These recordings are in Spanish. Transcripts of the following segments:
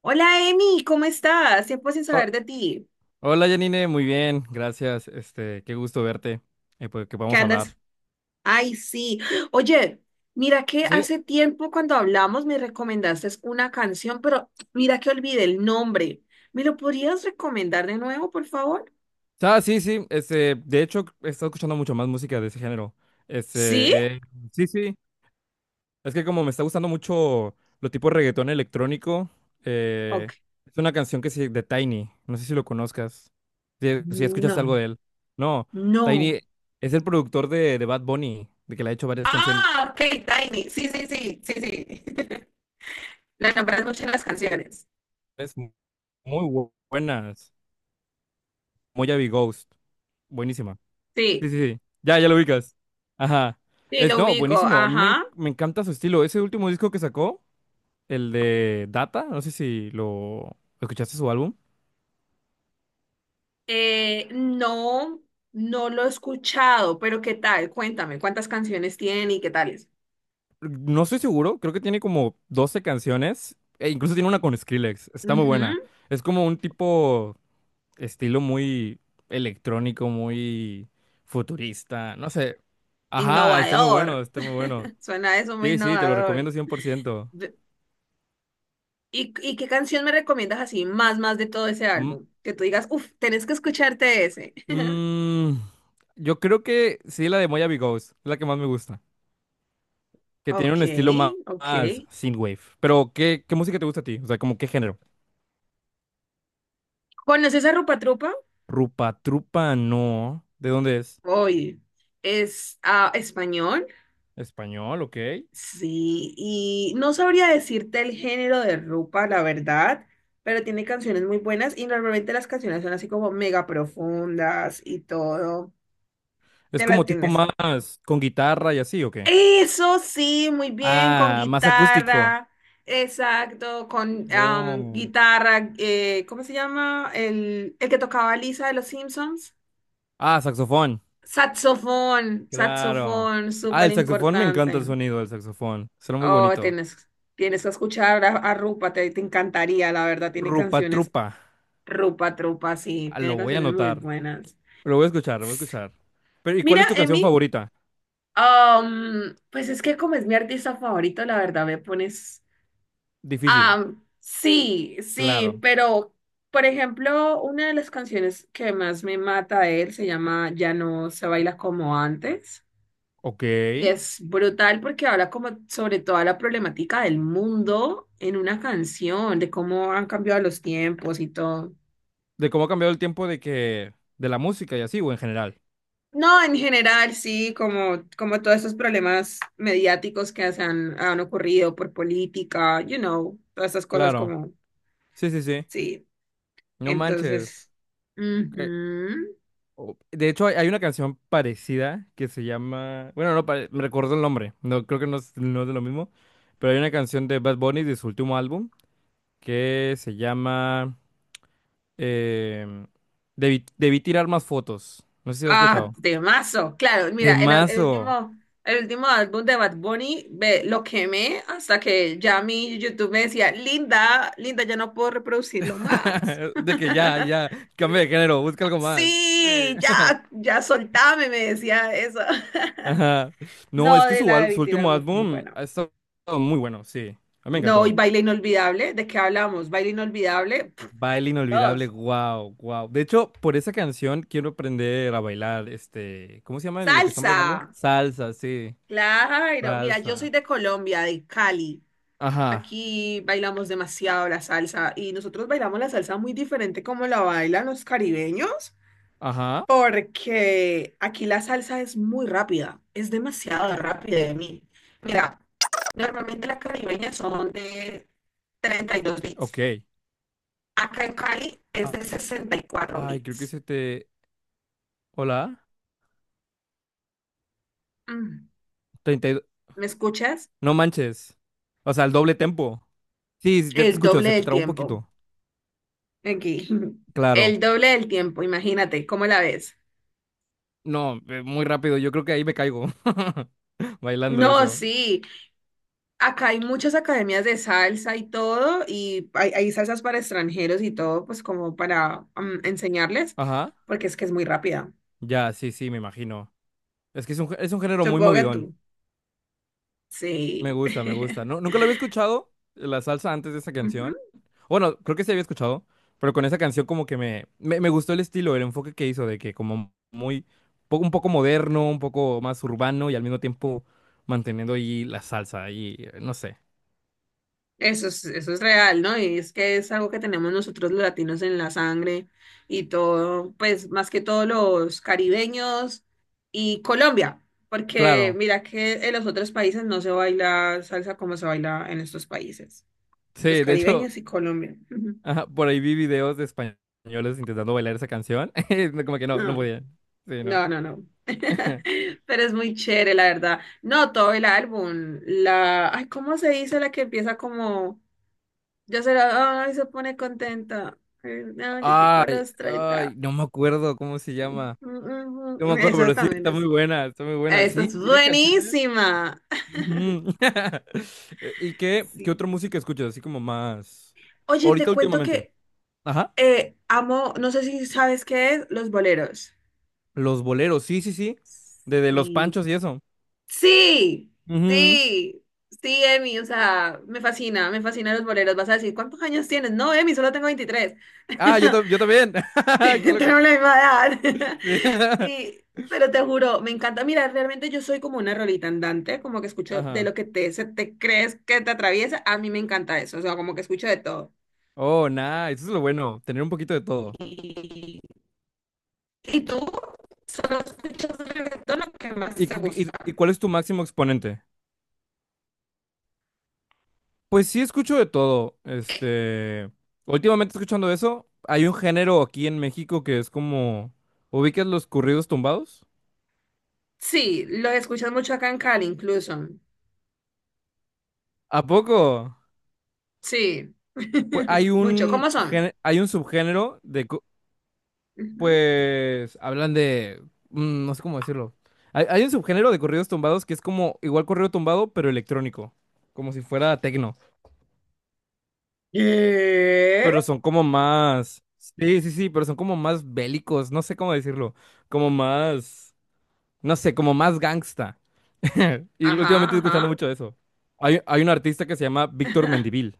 Hola Emi, ¿cómo estás? Tiempo sin Oh, saber de ti. hola Janine, muy bien, gracias. Qué gusto verte. Que ¿Qué podamos andas? hablar. Ay, sí. Oye, mira que Sí, hace tiempo cuando hablamos me recomendaste una canción, pero mira que olvidé el nombre. ¿Me lo podrías recomendar de nuevo, por favor? Sí, sí. De hecho, he estado escuchando mucho más música de ese género. ¿Sí? Este, eh, sí, sí. Es que como me está gustando mucho lo tipo reggaetón electrónico, eh, Ok. es una canción que se de Tiny. No sé si lo conozcas. Si, si escuchas algo No, de él. No, no. Tiny es el productor de Bad Bunny, de que le ha hecho varias canciones Ah, ok, Tiny. Sí, sí, sí, sí, sí. La nombras mucho en las canciones. muy buenas. Moya Ghost, buenísima. Sí, Sí, sí, sí. Ya, ya lo ubicas. Ajá. sí, Es, lo no, ubico. buenísimo. A mí me, en- Ajá. Me encanta su estilo. Ese último disco que sacó, el de Data, no sé si lo escuchaste su álbum. No, no lo he escuchado, pero ¿qué tal? Cuéntame, ¿cuántas canciones tiene y qué tal es? No estoy seguro, creo que tiene como 12 canciones. E incluso tiene una con Skrillex. Está muy buena. Ujú. Es como un tipo estilo muy electrónico, muy futurista. No sé. Ajá, está muy bueno, Innovador. está muy bueno. Suena eso muy Sí, sí, te lo innovador. recomiendo cien por ciento. De- ¿Y, qué canción me recomiendas así, más de todo ese Mm, álbum? Que tú digas, uff, tenés que escucharte ese. Mm, yo creo que sí, la de Moyavi Ghost, es la que más me gusta. Que tiene Ok, un estilo más, ok. más synthwave. Pero, ¿qué, qué música te gusta a ti? O sea, ¿como qué género? ¿Conoces a Rupa Trupa? Rupa Trupa, no. ¿De dónde es? Oye, es español. Español, ok. Sí, y no sabría decirte el género de Rupa, la verdad, pero tiene canciones muy buenas y normalmente las canciones son así como mega profundas y todo. ¿Es Te la como tipo tienes. más con guitarra y así, o qué? Eso sí, muy bien, con Ah, más acústico. guitarra, exacto, con Oh. guitarra, ¿cómo se llama? El que tocaba Lisa de los Simpsons. Ah, saxofón. Saxofón, Claro. saxofón, Ah, súper el saxofón, me importante. encanta el sonido del saxofón. Suena muy Oh, bonito. tienes, tienes que escuchar a Rupa, te encantaría, la verdad, tiene Rupa canciones, Trupa. Rupa Trupa, sí, Ah, tiene lo voy a canciones muy anotar. buenas. Lo voy a escuchar, lo voy a escuchar. Pero, ¿y cuál Mira, es tu canción Emi, favorita? Pues es que como es mi artista favorito, la verdad me pones... Difícil. Ah, sí, sí, Claro. pero, por ejemplo, una de las canciones que más me mata de él se llama Ya no se baila como antes. Ok. Y De es brutal porque habla como sobre toda la problemática del mundo en una canción, de cómo han cambiado los tiempos y todo. cómo ha cambiado el tiempo de que... de la música y así, o en general. No, en general, sí, como, como todos estos problemas mediáticos que han ocurrido por política, you know, todas esas cosas Claro. como, Sí, sí, sí. sí, No entonces, manches. Que- ujú. De hecho, hay una canción parecida que se llama... Bueno, no, me recuerdo el nombre. No, creo que no es, no es de lo mismo. Pero hay una canción de Bad Bunny de su último álbum que se llama... em, debí tirar más fotos. No sé si la has Ah, escuchado. temazo. Claro, mira, Temazo. El último álbum de Bad Bunny, ve, lo quemé hasta que ya mi YouTube me decía, Linda, Linda, ya no puedo reproducirlo más. De que ya, ya, cambia de género, busca algo más. Sí, Sí. ya, ya soltame, me decía eso. Ajá. No, No, es que de su, la debí su tirar último muy, muy álbum buena. ha estado muy bueno, sí. A mí me No, y encantó. baile inolvidable, ¿de qué hablamos? Baile inolvidable, pf, Baile inolvidable, dos. wow, wow. De hecho, por esa canción quiero aprender a bailar, este, ¿cómo se llama lo que están bailando? Salsa. Salsa, sí, Claro, mira, yo soy salsa. de Colombia, de Cali. Ajá, Aquí bailamos demasiado la salsa y nosotros bailamos la salsa muy diferente como la bailan los caribeños, ajá, porque aquí la salsa es muy rápida, es demasiado rápida de mí. Mira, normalmente las caribeñas son de 32 bits. ok. Acá en Cali es A- de 64 Ay, creo que bits. se te... Hola, Mm, 32... ¿me escuchas? No manches. O sea, el doble tempo. Sí, sí, ya te El escucho, doble se te del trabó un tiempo. poquito. Aquí. Claro. El doble del tiempo, imagínate, ¿cómo la ves? No, muy rápido, yo creo que ahí me caigo bailando No, eso. sí. Acá hay muchas academias de salsa y todo, y hay salsas para extranjeros y todo, pues como para enseñarles, Ajá. porque es que es muy rápida. Ya, sí, sí, me imagino. Es que es un, es un género muy Supongo que movidón. tú. Me Sí. gusta, me gusta. No, nunca lo había escuchado, la salsa antes de esa canción. Ujú. Bueno, creo que sí había escuchado, pero con esa canción como que me gustó el estilo, el enfoque que hizo de que como muy, un poco moderno, un poco más urbano y al mismo tiempo manteniendo ahí la salsa y no sé. Eso es real, ¿no? Y es que es algo que tenemos nosotros los latinos en la sangre y todo, pues más que todos los caribeños y Colombia, porque Claro. mira que en los otros países no se baila salsa como se baila en estos países, los Sí, de hecho, caribeños y Colombia. Ujú. ajá, por ahí vi videos de españoles intentando bailar esa canción. Como que no, no Ah. podían. Sí, no. No, no, no. Pero es muy chévere, la verdad. No, todo el álbum. La. Ay, ¿cómo se dice la que empieza como? Yo se la. Ay, se pone contenta. Ay, no, yo chico a Ay, los ay, 30. no me acuerdo cómo se llama. No me acuerdo, Eso es pero sí, también está muy es. buena, está muy buena. Esa Sí, es tiene canciones. buenísima. Ujú. ¿Y qué, qué Sí. otra música escuchas? Así como más. Oye, te Ahorita cuento últimamente. que Ajá. Amo, no sé si sabes qué es, los boleros. Los boleros, sí, sí, sí. De los Sí, panchos y eso. sí, Ujú. sí, sí, Emi, o sea, me fascinan los boleros. Vas a decir, ¿cuántos años tienes? No, Emi, solo tengo 23. Ah, yo, yo también. Qué loco. Tenemos la misma edad. Sí. Y, pero te juro, me encanta. Mira, realmente yo soy como una rolita andante, como que escucho de Ajá. lo que te, se te crees que te atraviesa. A mí me encanta eso, o sea, como que escucho de todo. Oh, nice. Eso es lo bueno, tener un poquito de todo. ¿Y, y tú? ¿Solo escuchas reggaetón o qué más ¿Y, te gusta? y cuál es tu máximo exponente? Pues sí, escucho de todo. Últimamente escuchando eso, hay un género aquí en México que es como, ¿ubicas los corridos tumbados? Sí, lo escuchas mucho acá en Cali, incluso. ¿A poco? Sí, Pues hay mucho. un ¿Cómo son? Hay un subgénero de, Ujú. pues, hablan de, no sé cómo decirlo. Hay un subgénero de corridos tumbados que es como igual corrido tumbado, pero electrónico, como si fuera tecno. ¿Qué? Pero son como más, sí, sí, sí, pero son como más bélicos, no sé cómo decirlo, como más, no sé, como más gangsta. Y Ajá, últimamente estoy escuchando ajá. mucho eso. Hay un artista que se llama Víctor Mendivil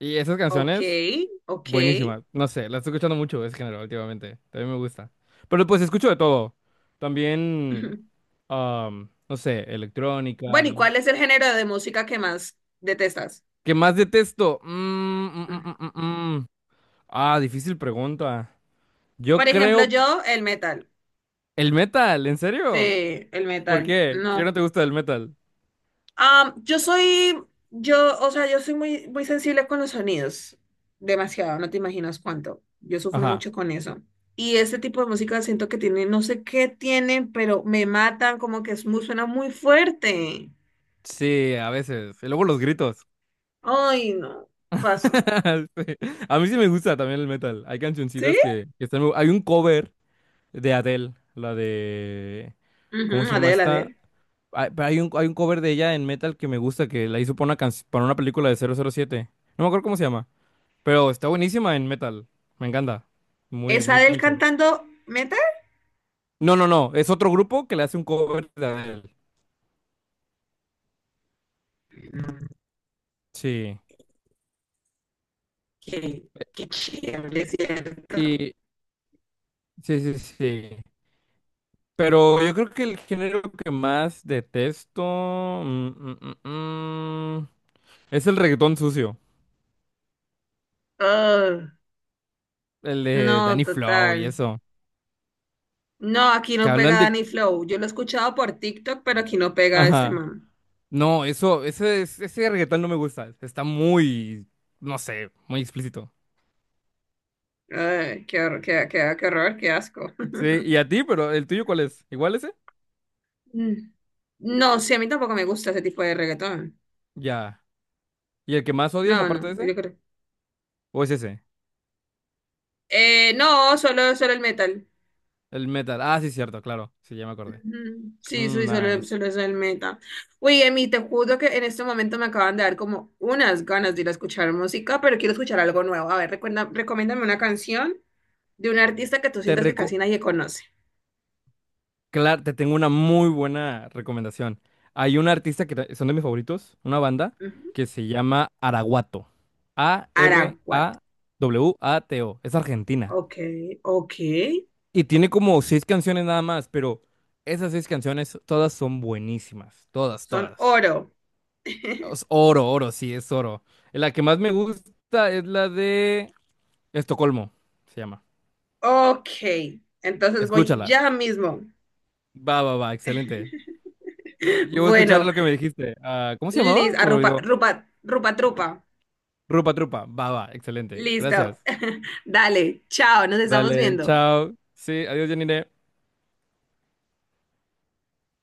y esas Ok, canciones, ok. buenísimas, no sé, las estoy escuchando mucho ese género últimamente, también me gusta. Pero pues escucho de todo, también, Ujú. No sé, electrónica. Bueno, ¿y cuál es el género de música que más detestas? ¿Qué más detesto? Mm. Mm. Ah, difícil pregunta. Por Yo ejemplo, creo. yo, el metal. ¿El metal? ¿En serio? Sí, el ¿Por metal. qué? ¿Qué No, no te gusta del metal? Ah, yo soy, yo, o sea, yo soy muy, muy sensible con los sonidos, demasiado, no te imaginas cuánto. Yo sufro Ajá. mucho con eso. Y este tipo de música siento que tiene, no sé qué tienen, pero me matan, como que es muy, suena muy fuerte. Sí, a veces. Y luego los gritos. Ay, no, paso. Sí. A mí sí me gusta también el metal. Hay ¿Sí? cancioncitas que están... hay un cover de Adele, la de... ¿Cómo Ujú, se llama Adele, esta? Adele. Hay, pero hay un cover de ella en metal que me gusta, que la hizo para una, para una película de 007. No me acuerdo cómo se llama, pero está buenísima en metal. Me encanta. Muy, ¿Es muy, Adele muy chida. cantando metal? No, no, no. Es otro grupo que le hace un cover de Adele. Mm. Sí. Qué, qué chévere, ¿cierto? Sí, sí, sí. Pero yo creo que el género que más detesto mm, mm, mm, mm, es el reggaetón sucio, Ah, el de no, Danny Flow y total. eso, No, aquí que no hablan pega de... Danny Flow. Yo lo he escuchado por TikTok, pero aquí no pega este Ajá. man. No, eso, ese, ese reggaetón no me gusta, está muy, no sé, muy explícito. Ay, qué horror, qué, qué, qué horror, qué asco. Sí, y a ti, pero ¿el tuyo cuál es? ¿Igual ese? Mm. No, sí, a mí tampoco me gusta ese tipo de reggaetón. Ya. ¿Y el que más odias No, aparte de no, ese? yo creo. ¿O es ese? No, solo, solo el metal. El metal. Ah, sí, cierto, claro, sí, ya me acordé. Ujú. Sí, Mm, sí, solo, nice. solo es el metal. Oye, Emi, te juro que en este momento me acaban de dar como unas ganas de ir a escuchar música, pero quiero escuchar algo nuevo. A ver, recuerda, recomiéndame una canción de un artista que tú Te sientas que reco... casi nadie conoce. Claro, te tengo una muy buena recomendación. Hay un artista que son de mis favoritos, una banda Ujú. que se llama Araguato. Araguat. ARAWATO. Es argentina. Ok, ok. Y tiene como seis canciones nada más, pero esas seis canciones todas son buenísimas. Todas, Son todas. oro. Es oro, oro, sí, es oro. La que más me gusta es la de Estocolmo, se llama. Ok. Entonces voy Escúchala. ya mismo. Va, va, va, excelente. Yo voy a escuchar Bueno, lo que me dijiste. Ah, ¿cómo se llamaba? listo. Se me Rupa, olvidó. rupa, rupa, trupa. Rupa trupa, va, va, excelente. Listo. Gracias. Dale, chao, nos estamos Dale, viendo. chao. Sí, adiós, Janine.